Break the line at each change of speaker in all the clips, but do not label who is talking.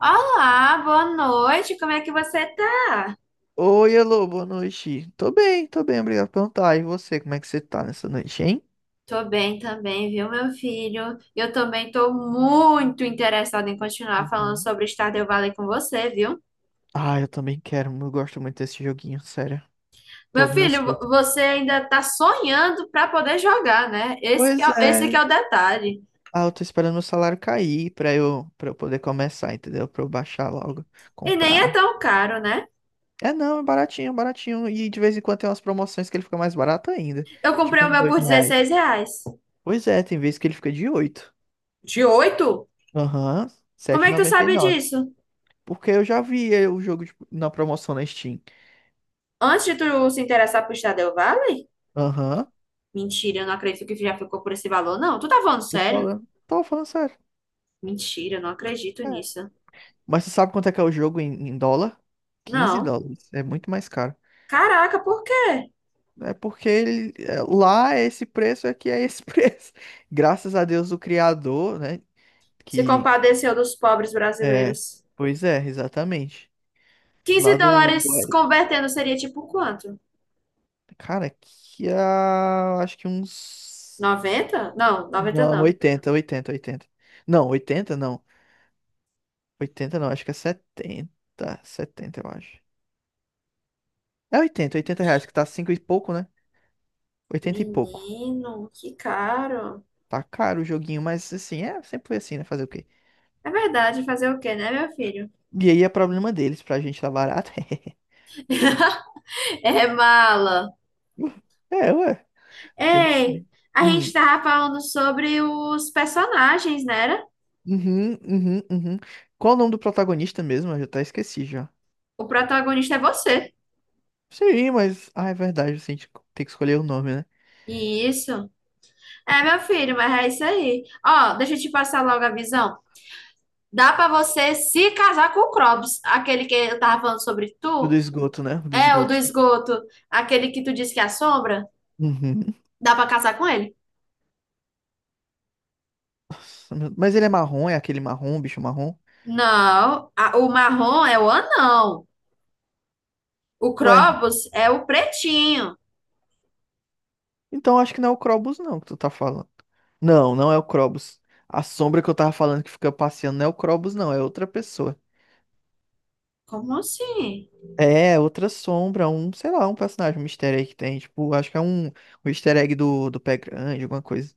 Olá, boa noite. Como é que você tá?
Oi, alô, boa noite. Tô bem, obrigado por perguntar. E você, como é que você tá nessa noite, hein?
Tô bem também, viu, meu filho? Eu também tô muito interessada em continuar falando
Uhum.
sobre Stardew Valley com você, viu?
Ah, eu também quero, eu gosto muito desse joguinho, sério.
Meu
Todos meus
filho,
frutos.
você ainda tá sonhando pra poder jogar, né?
Pois
Esse que
é.
é o detalhe.
Ah, eu tô esperando meu salário cair pra eu poder começar, entendeu? Pra eu baixar logo,
E nem é
comprar.
tão caro, né?
É, não, é baratinho, baratinho. E de vez em quando tem umas promoções que ele fica mais barato ainda.
Eu comprei
Tipo
o
uns
meu por
8
dezesseis
reais.
reais.
Pois é, tem vezes que ele fica de 8.
De 8?
Aham,
Como
sete
é
e
que tu
noventa e
sabe
nove.
disso?
Porque eu já vi na promoção na Steam.
Antes de tu se interessar por Stardew Valley?
Aham.
Mentira, eu não acredito que já ficou por esse valor, não. Tu tá falando
Tô
sério?
falando. Tô falando sério.
Mentira, não acredito
É.
nisso.
Mas você sabe quanto é que é o jogo em dólar? quinze
Não.
dólares. É muito mais caro.
Caraca, por quê?
É porque ele, lá é esse preço, aqui é esse preço. Graças a Deus, o criador, né?
Se
Que
compadeceu dos pobres
é.
brasileiros.
Pois é, exatamente.
15
Lá do,
dólares
do-
convertendo seria tipo quanto?
Cara, aqui há. Acho que uns.
90? Não, noventa
Não,
não.
oitenta, oitenta, oitenta. Não, 80 não. Oitenta não, acho que é setenta, setenta, eu acho. É oitenta, oitenta reais, que tá 5 e pouco, né? Oitenta e pouco.
Menino, que caro.
Tá caro o joguinho, mas assim, sempre foi assim, né? Fazer o quê?
É verdade, fazer o quê, né, meu filho?
E aí é problema deles, pra gente tá barato.
É mala.
É, ué, tem que
Ei,
ser.
a gente
Hum,
tava falando sobre os personagens, né? Era?
uhum, uhum, uhum. Qual o nome do protagonista mesmo? Eu já até esqueci já.
O protagonista é você.
Sim, mas. Ah, é verdade, assim, a gente tem que escolher o nome, né?
Isso. É, meu filho, mas é isso aí. Ó, deixa eu te passar logo a visão. Dá pra você se casar com o Krobs, aquele que eu tava falando sobre
O do
tu,
esgoto, né? O do
é o do
esgoto.
esgoto, aquele que tu disse que assombra.
Uhum.
Dá pra casar com ele?
Nossa, mas ele é marrom, é aquele marrom, bicho marrom?
Não, o marrom é o anão. O
Ué.
Krobs é o pretinho.
Então acho que não é o Krobus não que tu tá falando. Não, não é o Krobus. A sombra que eu tava falando que fica passeando não é o Krobus não, é outra pessoa.
Como assim?
É, outra sombra, um, sei lá, um personagem, um easter egg que tem, tipo, acho que é um easter egg do Pé Grande, alguma coisa.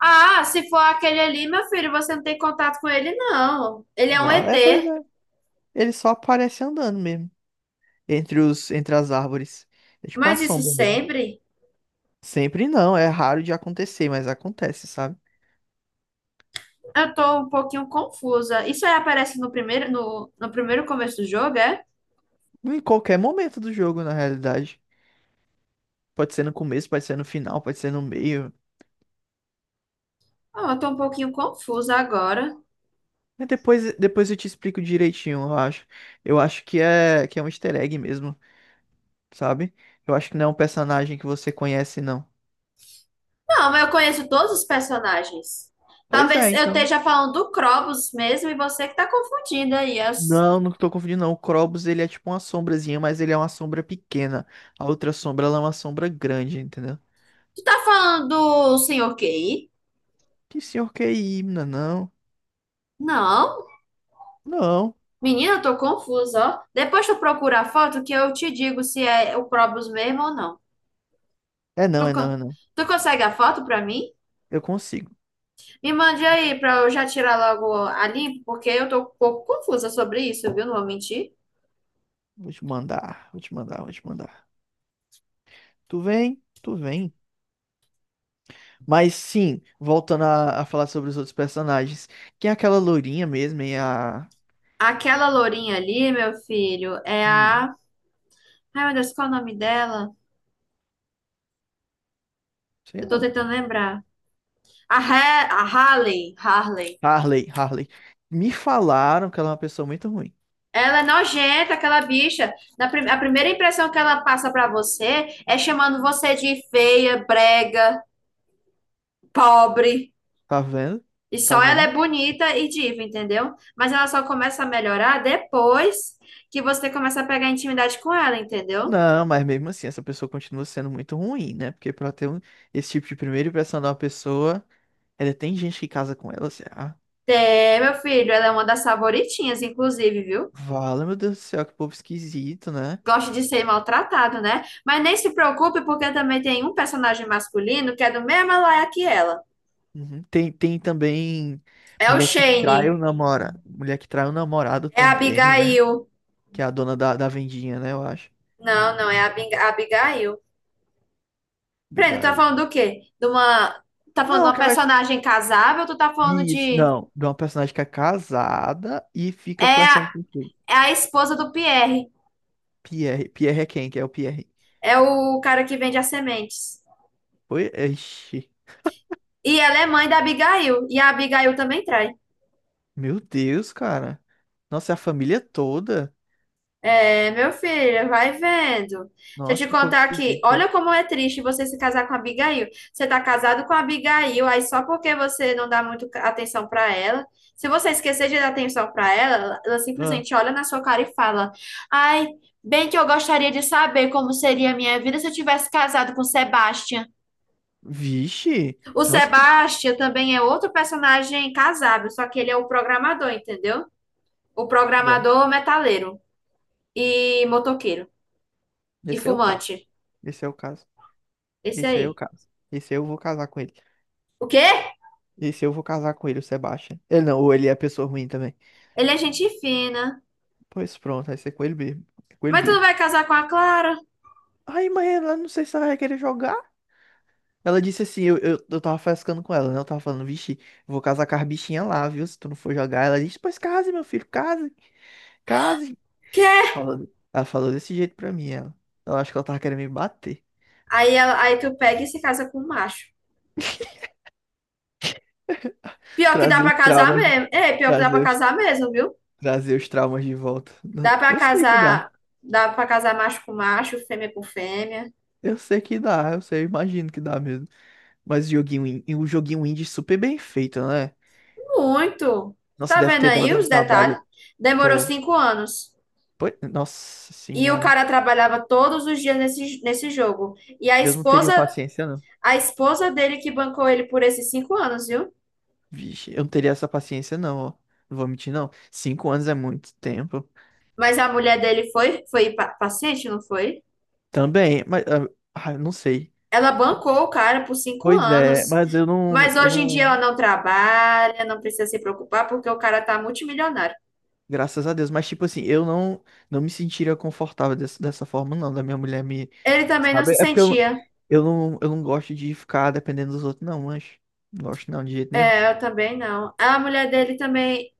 Ah, se for aquele ali, meu filho, você não tem contato com ele, não. Ele é um
Vale, é, pois
ET.
é. Ele só aparece andando mesmo, entre os, entre as árvores. É tipo uma
Mas isso
sombra mesmo.
sempre?
Sempre não, é raro de acontecer, mas acontece, sabe?
Eu tô um pouquinho confusa. Isso aí aparece no primeiro, no primeiro começo do jogo, é?
Em qualquer momento do jogo, na realidade. Pode ser no começo, pode ser no final, pode ser no meio.
Ah, eu tô um pouquinho confusa agora.
Mas depois eu te explico direitinho, eu acho. Eu acho que é um easter egg mesmo, sabe? Eu acho que não é um personagem que você conhece, não.
Não, mas eu conheço todos os personagens.
Pois é,
Talvez eu
então.
esteja falando do Krobus mesmo e você que tá confundindo aí.
Não, não tô confundindo, não. O Krobus, ele é tipo uma sombrazinha, mas ele é uma sombra pequena. A outra sombra, ela é uma sombra grande, entendeu?
Tu tá falando do Senhor QI?
Que senhor que é himna, não.
Não.
Não.
Menina, eu tô confusa, ó. Depois tu procura a foto que eu te digo se é o Krobus mesmo ou não.
É não,
Tu,
é
co-
não, é não.
Tu consegue a foto pra mim?
Eu consigo.
Me mande aí pra eu já tirar logo a limpo, porque eu tô um pouco confusa sobre isso, viu? Não vou mentir.
Vou te mandar, vou te mandar, vou te mandar. Tu vem? Tu vem? Mas sim, voltando a falar sobre os outros personagens. Quem é aquela loirinha mesmo, e a.
Aquela lourinha ali, meu filho, é
hum,
a. Ai, meu Deus, qual é o nome dela?
Sei
Eu tô
não.
tentando lembrar. A Harley,
Harley, Harley. Me falaram que ela é uma pessoa muito ruim.
ela é nojenta, aquela bicha. A primeira impressão que ela passa pra você é chamando você de feia, brega, pobre.
Tá vendo?
E
Tá
só ela
vendo?
é bonita e diva, entendeu? Mas ela só começa a melhorar depois que você começa a pegar intimidade com ela, entendeu?
Não, mas mesmo assim, essa pessoa continua sendo muito ruim, né? Porque pra ter esse tipo de primeira impressão de uma pessoa, ainda tem gente que casa com ela, assim, ah.
É, meu filho, ela é uma das favoritinhas, inclusive, viu?
Vala, meu Deus do céu, que povo esquisito, né?
Gosta de ser maltratado, né? Mas nem se preocupe, porque também tem um personagem masculino que é do mesmo laia que ela.
Uhum. Tem também
É o
mulher que trai o
Shane.
namorado, mulher que trai o namorado
É a
também, né?
Abigail.
Que é a dona da vendinha, né? Eu acho.
Não, não, é a a Abigail. Peraí, tu tá
Abigail.
falando do quê? De uma. Tá falando de
Não,
uma
que ela é.
personagem casável ou tu tá falando
Isso,
de.
não. De uma personagem que é casada e
É
fica
a,
flertando com quem?
é a esposa do Pierre.
Pierre. Pierre é quem? Que é o Pierre.
É o cara que vende as sementes.
Oi? Ixi.
E ela é mãe da Abigail. E a Abigail também trai.
Meu Deus, cara. Nossa, é a família toda.
É, meu filho, vai vendo. Deixa
Nossa,
eu te
que povo
contar aqui.
esquisito.
Olha como é triste você se casar com a Abigail. Você tá casado com a Abigail, aí só porque você não dá muito atenção pra ela. Se você esquecer de dar atenção pra ela, ela
Ah.
simplesmente olha na sua cara e fala: ai, bem que eu gostaria de saber como seria a minha vida se eu tivesse casado com o Sebastian.
Vixe.
O
Nossa, que.
Sebastian também é outro personagem casável, só que ele é o programador, entendeu? O
Ué,
programador metaleiro e motoqueiro e
esse é o caso.
fumante.
Esse é o caso.
Esse
Esse aí é o
aí.
caso. Esse aí eu vou casar com ele.
O quê?
Esse eu vou casar com ele, o Sebastian. Ele não, ou ele é pessoa ruim também.
Ele é gente fina.
Pois pronto, vai ser com ele mesmo. É com ele
Mas tu não
mesmo.
vai casar com a Clara?
Ai, mãe, ela não sei se ela vai querer jogar. Ela disse assim, eu tava frescando com ela, né? Eu tava falando, vixe, vou casar com as bichinhas lá, viu? Se tu não for jogar. Ela disse, pois case, meu filho, case, case.
Quê?
Falando. Ela falou desse jeito pra mim, ela. Eu acho que ela tava querendo me bater.
Aí, tu pega e se casa com o macho. Pior que dá
Trazer
pra
os
casar
traumas,
mesmo. É, pior que dá pra
trazer os,
casar mesmo, viu?
trazer os traumas de volta. Não,
Dá pra
eu sei que dá.
casar, dá pra casar macho com macho, fêmea com fêmea.
Eu sei que dá, eu sei, eu imagino que dá mesmo. Mas o joguinho, e o joguinho indie super bem feito, né?
Muito. Tu
Nossa,
Tá
deve
vendo
ter
aí
dado um
os detalhes?
trabalho.
Demorou
Tô.
5 anos.
Pô, nossa
E o
senhora.
cara trabalhava todos os dias nesse jogo. E a
Eu não
esposa,
teria paciência, não.
a esposa dele que bancou ele por esses 5 anos, viu?
Vixe, eu não teria essa paciência, não, ó. Não vou mentir, não. 5 anos é muito tempo.
Mas a mulher dele foi, paciente, não foi?
Também, mas ah, eu não sei.
Ela bancou o cara por cinco
Pois é,
anos.
mas eu não,
Mas
eu
hoje em dia ela
não.
não trabalha, não precisa se preocupar, porque o cara tá multimilionário.
Graças a Deus. Mas, tipo assim, eu não me sentiria confortável dessa forma, não. Da minha mulher me.
Ele também não se
Sabe? É porque
sentia.
eu não gosto de ficar dependendo dos outros, não, mas. Não gosto, não, de jeito nenhum.
É, eu também não. A mulher dele também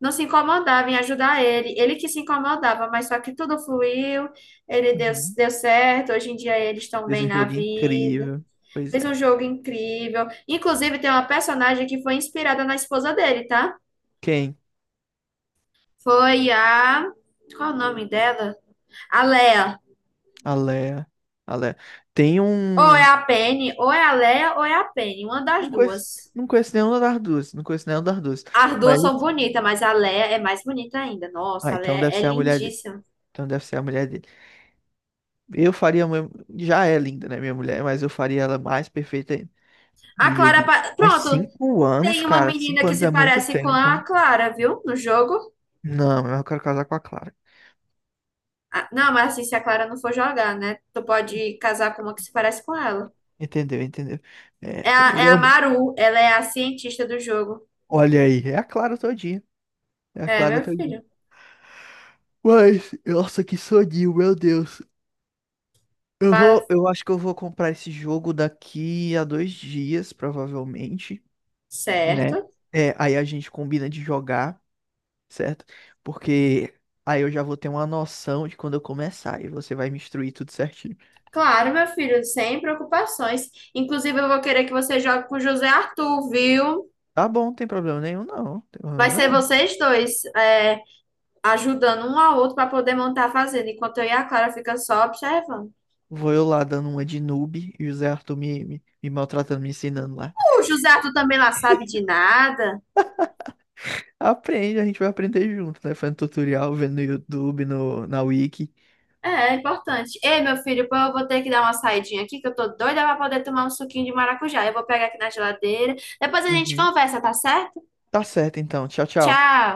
não se incomodava em ajudar ele. Ele que se incomodava, mas só que tudo fluiu, ele deu,
Uhum.
deu certo. Hoje em dia eles estão
Fez
bem
um
na
jogo
vida.
incrível. Pois
Fez um
é.
jogo incrível. Inclusive, tem uma personagem que foi inspirada na esposa dele, tá?
Quem?
Foi a. Qual é o nome dela? A Leia.
A Lea. A Lea. Tem
Ou é
um.
a Penny, ou é a Leia, ou é a Penny. Uma das
Não conheço,
duas.
não conheço nenhuma das duas. Não conheço nenhuma das duas.
As
Mas.
duas são bonitas, mas a Leia é mais bonita ainda. Nossa,
Ah,
a
então
Leia
deve
é
ser a mulher dele.
lindíssima.
Então deve ser a mulher dele. Eu faria. A já é linda, né, minha mulher? Mas eu faria ela mais perfeita ainda
A
no
Clara.
joguinho. Mas
Pronto,
5 anos,
tem uma
cara.
menina
Cinco
que
anos é
se
muito
parece com
tempo.
a Clara, viu? No jogo.
Não, eu quero casar com a Clara.
Ah, não, mas assim, se a Clara não for jogar, né? Tu pode casar com uma que se parece com ela.
Entendeu, entendeu? É,
É
tá
a, é a
melhor.
Maru, ela é a cientista do jogo.
Olha aí, é a Clara todinha. É a
É,
Clara
meu
todinha.
filho.
Mas, nossa, que soninho, meu Deus. Eu
Vai
vou, eu acho que eu vou comprar esse jogo daqui a 2 dias, provavelmente. Né?
certo.
É, aí a gente combina de jogar, certo? Porque aí eu já vou ter uma noção de quando eu começar e você vai me instruir tudo certinho.
Claro, meu filho, sem preocupações. Inclusive, eu vou querer que você jogue com o José Arthur, viu?
Tá bom, não tem problema nenhum, não. Não tem
Vai
problema
ser
não.
vocês dois, ajudando um ao outro para poder montar a fazenda, enquanto eu e a Clara fica só observando.
Vou eu lá dando uma de noob e o Zé Arthur me maltratando, me ensinando lá.
O José Arthur também lá sabe de nada.
Aprende, a gente vai aprender junto, né? Fazendo tutorial, vendo no YouTube, no, na Wiki.
É, é importante. Ei, meu filho, pô, eu vou ter que dar uma saidinha aqui, que eu tô doida para poder tomar um suquinho de maracujá. Eu vou pegar aqui na geladeira. Depois a gente
Uhum.
conversa, tá certo?
Tá certo, então. Tchau, tchau.
Tchau.